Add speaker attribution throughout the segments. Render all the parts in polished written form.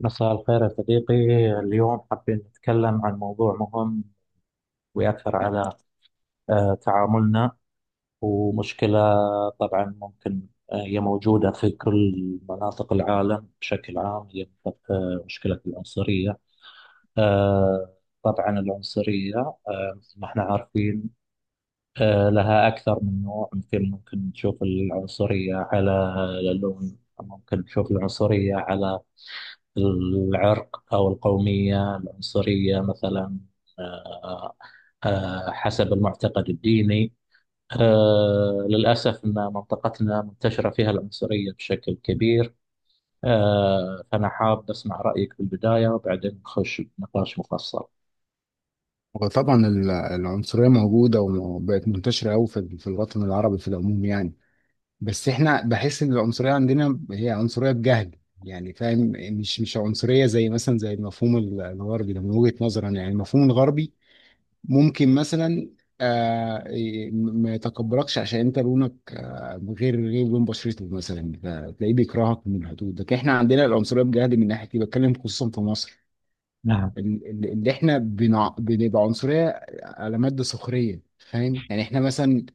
Speaker 1: مساء الخير يا صديقي. اليوم حابين نتكلم عن موضوع مهم ويأثر على تعاملنا ومشكلة. طبعا ممكن هي موجودة في كل مناطق العالم بشكل عام. هي مشكلة العنصرية. آه، طبعا العنصرية مثل ما احنا عارفين لها أكثر من نوع. مثل ممكن نشوف العنصرية على اللون، ممكن نشوف العنصرية على العرق أو القومية، العنصرية مثلا آه، حسب المعتقد الديني. للأسف أن منطقتنا منتشرة فيها العنصرية بشكل كبير. فأنا حاب أسمع رأيك في البداية وبعدين نخش بنقاش مفصل.
Speaker 2: وطبعا العنصرية موجودة وبقت منتشرة أوي في الوطن العربي في العموم يعني. بس احنا بحس إن العنصرية عندنا هي عنصرية بجهل، يعني فاهم؟ مش عنصرية زي مثلا زي المفهوم الغربي ده، من وجهة نظرا يعني المفهوم الغربي ممكن مثلا ما يتقبلكش عشان انت لونك غير لون بشرته مثلا، فتلاقيه بيكرهك من الحدود. لكن احنا عندنا العنصرية بجهل من ناحية دي، بتكلم خصوصا في مصر.
Speaker 1: نعم.
Speaker 2: اللي احنا بنبقى عنصرية على مادة سخرية، فاهم؟ يعني احنا مثلا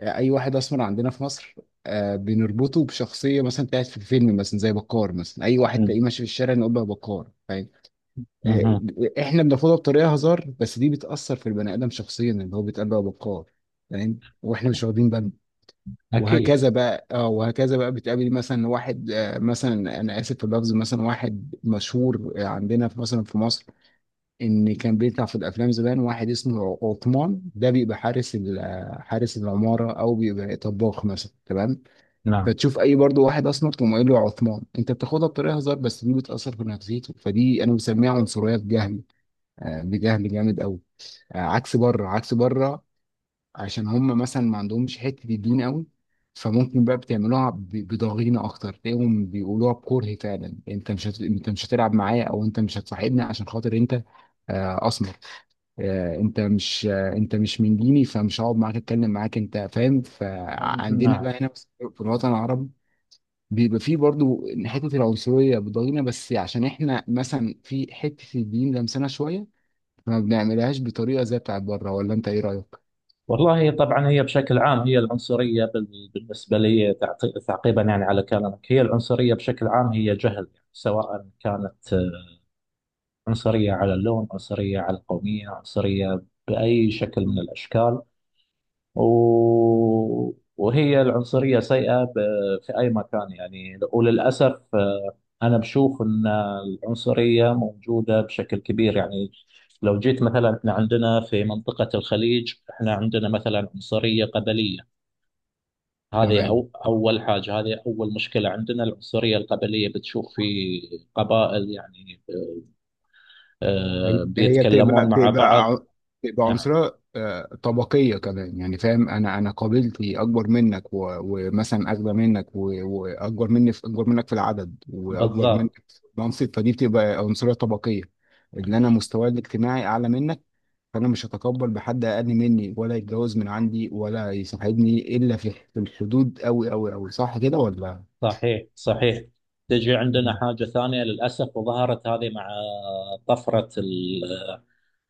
Speaker 2: اي واحد اسمر عندنا في مصر، بنربطه بشخصية مثلا بتاعت في الفيلم، مثلا زي بكار، مثلا اي واحد
Speaker 1: مم.
Speaker 2: تلاقيه ماشي في الشارع نقول له يا بكار، فاهم؟ آه،
Speaker 1: مهم.
Speaker 2: احنا بناخدها بطريقة هزار بس دي بتأثر في البني آدم شخصيا اللي هو بيتقال له يا بكار، فاهم؟ واحنا مش واخدين بالنا.
Speaker 1: أكيد.
Speaker 2: وهكذا بقى بتقابل مثلا واحد، مثلا انا اسف في اللفظ، مثلا واحد مشهور عندنا في مثلا في مصر، ان كان بيطلع في الافلام زمان، واحد اسمه عثمان ده، بيبقى حارس العماره او بيبقى طباخ مثلا، تمام.
Speaker 1: نعم،
Speaker 2: فتشوف اي برضو واحد اسمر تقوم قايل له عثمان، انت بتاخدها بطريقه هزار بس دي بتاثر في نفسيته، فدي انا بسميها عنصريه بجهل. بجهل جامد قوي، عكس بره، عكس بره. عشان هم مثلا ما عندهمش حته الدين قوي، فممكن بقى بتعملوها بضغينه اكتر. تلاقيهم بيقولوها بكره فعلا. انت مش هتلعب معايا او انت مش هتصاحبني عشان خاطر انت اسمر، انت مش من ديني، فمش هقعد معاك اتكلم معاك انت، فاهم؟ فعندنا
Speaker 1: نعم.
Speaker 2: بقى هنا في الوطن العربي، بيبقى فيه برضو حته العنصريه بتضايقنا، بس عشان احنا مثلا في حته الدين لمسنا شويه، فما بنعملهاش بطريقه زي بتاعت بره، ولا انت ايه رايك؟
Speaker 1: والله طبعا، هي بشكل عام، هي العنصرية بالنسبة لي تعقيبا يعني على كلامك، هي العنصرية بشكل عام هي جهل يعني، سواء كانت عنصرية على اللون، عنصرية على القومية، عنصرية بأي شكل من الأشكال. وهي العنصرية سيئة في أي مكان يعني. وللأسف أنا بشوف أن العنصرية موجودة بشكل كبير يعني. لو جيت مثلا، احنا عندنا في منطقة الخليج، احنا عندنا مثلا عنصرية قبلية. هذه
Speaker 2: تمام.
Speaker 1: أو أول حاجة، هذه أول مشكلة عندنا، العنصرية القبلية. بتشوف في قبائل يعني
Speaker 2: هي هي
Speaker 1: بيتكلمون
Speaker 2: تبقى
Speaker 1: مع
Speaker 2: تبقى
Speaker 1: بعض.
Speaker 2: ع- تبقى
Speaker 1: نعم.
Speaker 2: عنصرية طبقية كمان، يعني فاهم؟ أنا قابلتي أكبر منك ومثلا أغنى منك و- وأكبر مني في أكبر منك في العدد وأكبر منك
Speaker 1: بالضبط.
Speaker 2: في المنصب، فدي بتبقى عنصرية طبقية. اللي أنا مستواي الاجتماعي أعلى منك، فأنا مش هتقبل بحد أقل مني ولا يتجوز من عندي ولا يصاحبني إلا في الحدود أوي أوي أوي، صح كده ولا؟
Speaker 1: صحيح، صحيح. تجي عندنا
Speaker 2: مم.
Speaker 1: حاجة ثانية للأسف، وظهرت هذه مع طفرة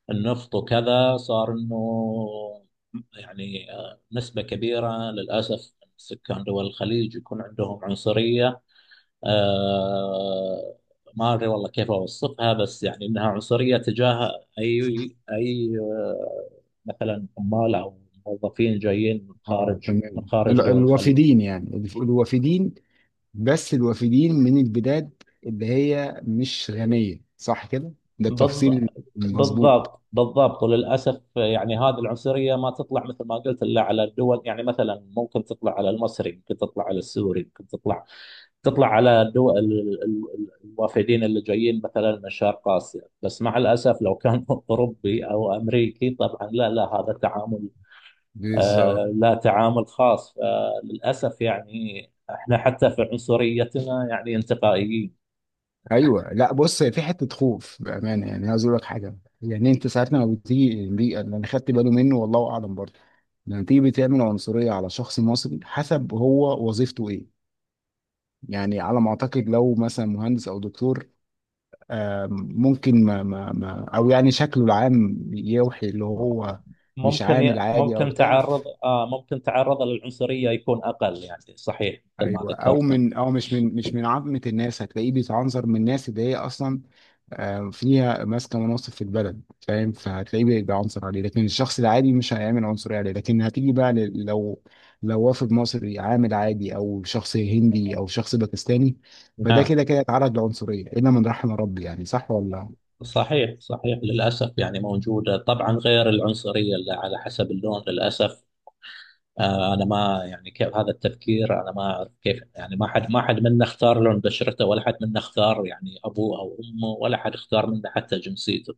Speaker 1: النفط وكذا. صار إنه يعني نسبة كبيرة للأسف من سكان دول الخليج يكون عندهم عنصرية. آه ما ادري والله كيف اوصفها، بس يعني انها عنصريه تجاه اي اي آه، مثلا عمال او موظفين جايين من
Speaker 2: تمام،
Speaker 1: خارج دول الخليج.
Speaker 2: الوافدين يعني الوافدين، بس الوافدين من البلاد اللي هي مش غنية، صح كده؟ ده التفصيل
Speaker 1: بالض-
Speaker 2: المظبوط،
Speaker 1: بالضبط، بالضبط. وللاسف يعني، هذه العنصريه ما تطلع مثل ما قلت الا على الدول يعني. مثلا ممكن تطلع على المصري، ممكن تطلع على السوري، ممكن تطلع على الدول الوافدين اللي جايين مثلا من شرق اسيا. بس مع الاسف لو كان اوروبي او امريكي، طبعا لا، لا، هذا تعامل
Speaker 2: بالظبط.
Speaker 1: لا، تعامل خاص. فللاسف يعني احنا حتى في عنصريتنا يعني انتقائيين.
Speaker 2: ايوه، لا بص، هي في حته خوف بامانه، يعني عايز اقول لك حاجه. يعني انت ساعات لما بتيجي، دي اللي انا خدت بالي منه والله اعلم برضه، لما تيجي بتعمل عنصريه على شخص مصري حسب هو وظيفته ايه. يعني على ما اعتقد، لو مثلا مهندس او دكتور، آم، ممكن ما او يعني شكله العام يوحي اللي هو مش
Speaker 1: ممكن
Speaker 2: عامل
Speaker 1: ي-
Speaker 2: عادي او
Speaker 1: ممكن
Speaker 2: بتاع.
Speaker 1: تعرض آه ممكن تعرض للعنصرية يكون أقل يعني. صحيح مثل ما
Speaker 2: ايوه، او
Speaker 1: ذكرت.
Speaker 2: من او مش من مش من عامه الناس، هتلاقيه بيتعنظر من الناس اللي هي اصلا فيها ماسكه مناصب في البلد، فاهم؟ فهتلاقيه بيعنصر عليه، لكن الشخص العادي مش هيعمل عنصريه عليه، لكن هتيجي بقى لو وافد مصري عامل عادي او شخص هندي او شخص باكستاني، فده
Speaker 1: نعم.
Speaker 2: كده كده اتعرض لعنصريه الا من رحم ربي، يعني صح ولا لا؟
Speaker 1: صحيح، صحيح. للأسف يعني موجودة طبعا، غير العنصرية اللي على حسب اللون للأسف. انا ما يعني، كيف هذا التفكير، انا ما اعرف كيف يعني. ما حد منا اختار لون بشرته، ولا حد منا اختار يعني ابوه او امه، ولا حد اختار منا حتى جنسيته.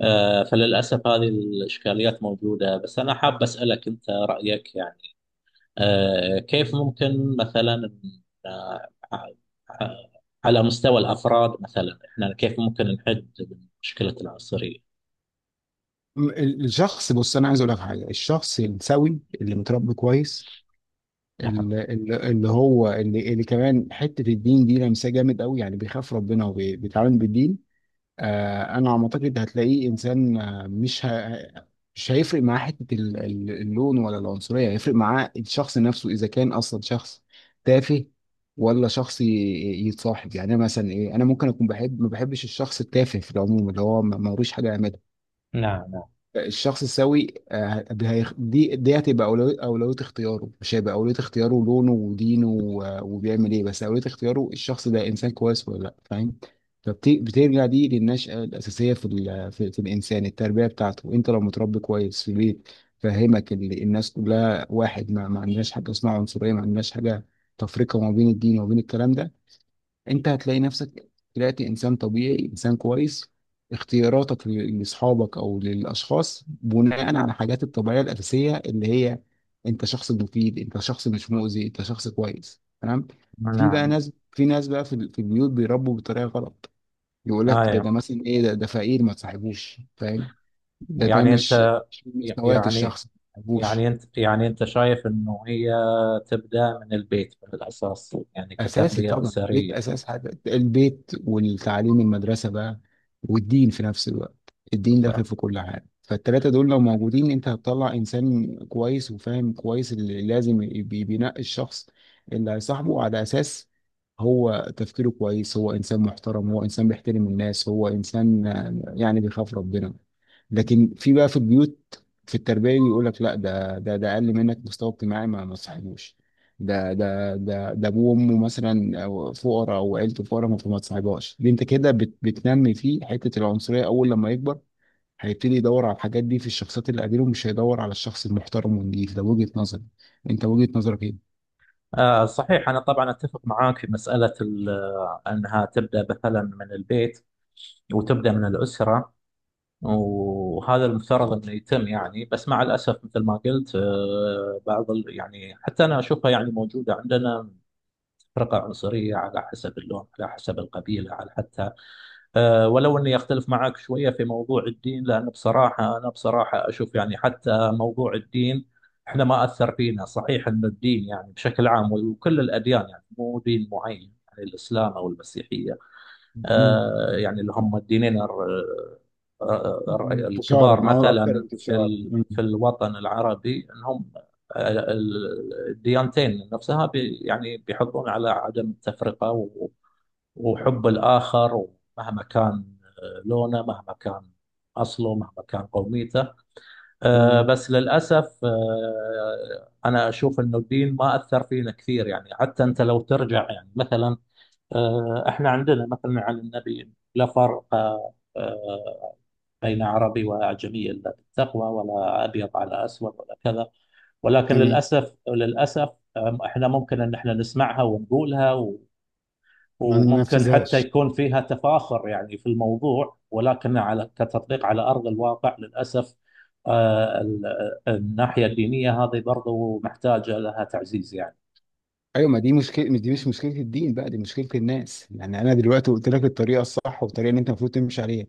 Speaker 1: فللاسف هذه الاشكاليات موجوده. بس انا حاب اسالك انت رايك يعني، كيف ممكن مثلا، آه، آه، على مستوى الافراد مثلا، احنا كيف ممكن نحد من مشكله العنصريه؟
Speaker 2: الشخص، بص انا عايز اقول لك حاجه، الشخص السوي اللي متربي كويس،
Speaker 1: نعم،
Speaker 2: اللي, اللي كمان حته الدين دي لمسه جامد قوي، يعني بيخاف ربنا وبيتعامل بالدين. انا على ما اعتقد هتلاقيه انسان، مش هيفرق معاه حته اللون ولا العنصريه، هيفرق معاه الشخص نفسه اذا كان اصلا شخص تافه ولا شخص يتصاحب. يعني أنا مثلا، ايه، انا ممكن اكون بحب ما بحبش الشخص التافه في العموم، اللي هو ملوش حاجه يعملها.
Speaker 1: نعم،
Speaker 2: الشخص السوي دي هتبقى أولوية اختياره، مش هيبقى أولوية اختياره لونه ودينه وبيعمل إيه، بس أولوية اختياره الشخص ده إنسان كويس ولا لأ، فاهم؟ فبترجع دي للنشأة الأساسية في الإنسان التربية بتاعته. أنت لو متربي كويس في بيت، فهمك الناس كلها واحد، ما عندناش حاجة اسمها عنصرية، ما عندناش حاجة تفرقة ما بين الدين وما بين الكلام ده. انت هتلاقي نفسك طلعت انسان طبيعي، انسان كويس، اختياراتك لاصحابك او للاشخاص بناء على الحاجات الطبيعيه الاساسيه اللي هي انت شخص مفيد، انت شخص مش مؤذي، انت شخص كويس، تمام.
Speaker 1: نعم، نعم.
Speaker 2: في ناس بقى في البيوت بيربوا بطريقه غلط، يقول لك ده
Speaker 1: آه
Speaker 2: ده مثلا، ايه، ده فقير، ما تصاحبوش، فاهم؟ ده
Speaker 1: يعني
Speaker 2: مش
Speaker 1: أنت
Speaker 2: مش من مستواك
Speaker 1: يعني،
Speaker 2: الشخصي، ما تصاحبوش.
Speaker 1: يعني انت شايف انه هي تبدا من البيت من الاساس يعني،
Speaker 2: اساسي
Speaker 1: كتربيه
Speaker 2: طبعا البيت،
Speaker 1: اسريه.
Speaker 2: اساس حاجه البيت والتعليم المدرسه بقى والدين في نفس الوقت. الدين
Speaker 1: ف-
Speaker 2: داخل في كل حاجه، فالتلاته دول لو موجودين انت هتطلع انسان كويس وفاهم كويس اللي لازم بينقي الشخص اللي هيصاحبه على اساس هو تفكيره كويس، هو انسان محترم، هو انسان بيحترم الناس، هو انسان يعني بيخاف ربنا. لكن في بقى في البيوت في التربيه بيقول لك لا، ده اقل منك مستوى اجتماعي، ما تصاحبوش. ده ده ده ابوه وامه مثلا أو فقراء او عيلته فقراء، ما فما تصاحبهاش. دي انت كده بتنمي فيه حته العنصريه، اول لما يكبر هيبتدي يدور على الحاجات دي في الشخصيات اللي قديمه، مش هيدور على الشخص المحترم والنضيف. ده وجهه نظري، انت وجهه نظرك ايه؟
Speaker 1: صحيح. انا طبعا اتفق معاك في مساله انها تبدا مثلا من البيت، وتبدا من الاسره، وهذا المفترض انه يتم يعني. بس مع الاسف مثل ما قلت بعض يعني حتى انا اشوفها يعني موجوده عندنا، فرقه عنصريه على حسب اللون، على حسب القبيله، على حتى ولو اني اختلف معك شويه في موضوع الدين، لان بصراحه انا بصراحه اشوف يعني حتى موضوع الدين، احنا ما اثر فينا. صحيح ان الدين يعني بشكل عام وكل الاديان يعني، مو دين معين يعني الاسلام او المسيحيه.
Speaker 2: مم.
Speaker 1: يعني اللي هم الدينين
Speaker 2: مم. انتشارا
Speaker 1: الكبار
Speaker 2: او اكتر
Speaker 1: مثلا في
Speaker 2: انتشارا. مم.
Speaker 1: في الوطن العربي، انهم الديانتين نفسها يعني بيحطون على عدم التفرقه وحب الآخر، مهما كان لونه، مهما كان أصله، مهما كان قوميته.
Speaker 2: تمام،
Speaker 1: بس للأسف أنا أشوف أنه الدين ما أثر فينا كثير يعني. حتى أنت لو ترجع يعني مثلا، إحنا عندنا مثلا عن النبي: لا فرق بين عربي وأعجمي إلا بالتقوى، ولا أبيض على أسود، ولا كذا. ولكن
Speaker 2: تمام،
Speaker 1: للأسف، للأسف، إحنا ممكن أن إحنا نسمعها ونقولها،
Speaker 2: ما
Speaker 1: وممكن حتى
Speaker 2: ننفذهاش.
Speaker 1: يكون فيها تفاخر يعني في الموضوع، ولكن على كتطبيق على أرض الواقع للأسف آه، ال- الناحية الدينية هذه برضو محتاجة لها تعزيز يعني.
Speaker 2: ايوه، ما دي مشكله، دي مش مشكله الدين بقى، دي مشكله الناس، يعني انا دلوقتي قلت لك الطريقه الصح والطريقه اللي انت المفروض تمشي عليها.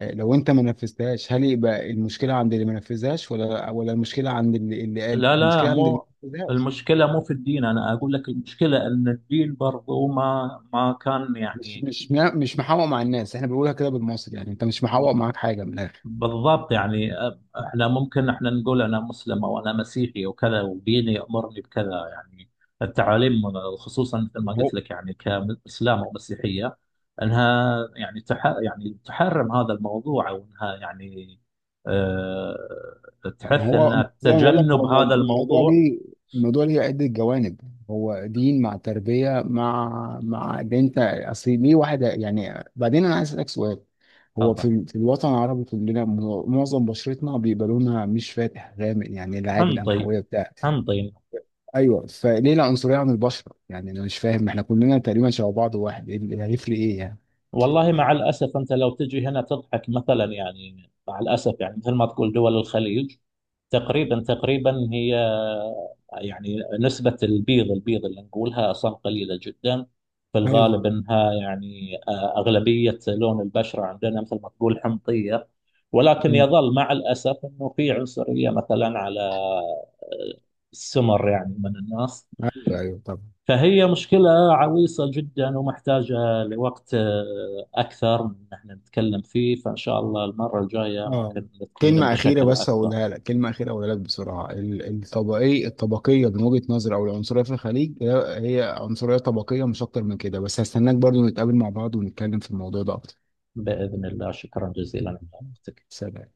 Speaker 2: لو انت ما نفذتهاش، هل يبقى المشكله عند اللي ما نفذهاش ولا المشكله عند اللي قال؟
Speaker 1: لا، لا،
Speaker 2: المشكله عند اللي
Speaker 1: مو
Speaker 2: ما نفذهاش.
Speaker 1: المشكلة، مو في الدين. أنا أقول لك المشكلة أن الدين برضو ما كان
Speaker 2: مش
Speaker 1: يعني.
Speaker 2: مش مش محوق مع الناس، احنا بنقولها كده بالمصري، يعني انت مش محوق معاك حاجه من الاخر.
Speaker 1: بالضبط يعني. احنا ممكن احنا نقول انا مسلم او انا مسيحي وكذا، وديني يامرني بكذا يعني. التعاليم، خصوصا مثل ما
Speaker 2: هو
Speaker 1: قلت لك يعني كاسلام او مسيحيه، انها يعني تح يعني تحرم هذا الموضوع، او انها يعني
Speaker 2: ما
Speaker 1: تحث
Speaker 2: هو
Speaker 1: ان
Speaker 2: زي ما بقول لك، هو
Speaker 1: تجنب هذا
Speaker 2: الموضوع
Speaker 1: الموضوع.
Speaker 2: ليه، الموضوع ليه عده جوانب. هو دين مع تربيه، مع ده انت اصل ليه واحد، يعني بعدين انا عايز اسالك سؤال. هو في
Speaker 1: هذا
Speaker 2: في الوطن العربي كلنا معظم بشرتنا بيبقى لونها مش فاتح، غامق يعني العادي
Speaker 1: حنطي.
Speaker 2: القمحويه بتاع.
Speaker 1: حنطي.
Speaker 2: ايوه، فليه العنصريه عن البشره؟ يعني انا مش فاهم، احنا كلنا تقريبا شبه بعض واحد، ايه اللي هيفرق ايه يعني.
Speaker 1: والله مع الأسف، أنت لو تجي هنا تضحك مثلا يعني. مع الأسف يعني مثل ما تقول، دول الخليج تقريبا تقريبا هي يعني، نسبة البيض، البيض اللي نقولها أصلا قليلة جدا. في
Speaker 2: ايوه.
Speaker 1: الغالب أنها يعني أغلبية لون البشرة عندنا مثل ما تقول حمضية. ولكن
Speaker 2: مم.
Speaker 1: يظل مع الأسف أنه في عنصرية مثلا على السمر يعني من الناس.
Speaker 2: ايوه، ايوه، طبعا.
Speaker 1: فهي مشكلة عويصة جدا، ومحتاجة لوقت أكثر من إن احنا نتكلم فيه. فإن شاء الله المرة الجاية
Speaker 2: اه
Speaker 1: ممكن نتكلم
Speaker 2: كلمة أخيرة
Speaker 1: بشكل
Speaker 2: بس
Speaker 1: أكبر.
Speaker 2: هقولها لك، كلمة أخيرة هقولها لك بسرعة، الطبقية من وجهة نظري، أو العنصرية في الخليج هي هي عنصرية طبقية مش أكتر من كده، بس هستناك برضو نتقابل مع بعض ونتكلم في الموضوع ده أكتر.
Speaker 1: بإذن الله، شكرا جزيلا على وقتك.
Speaker 2: سلام.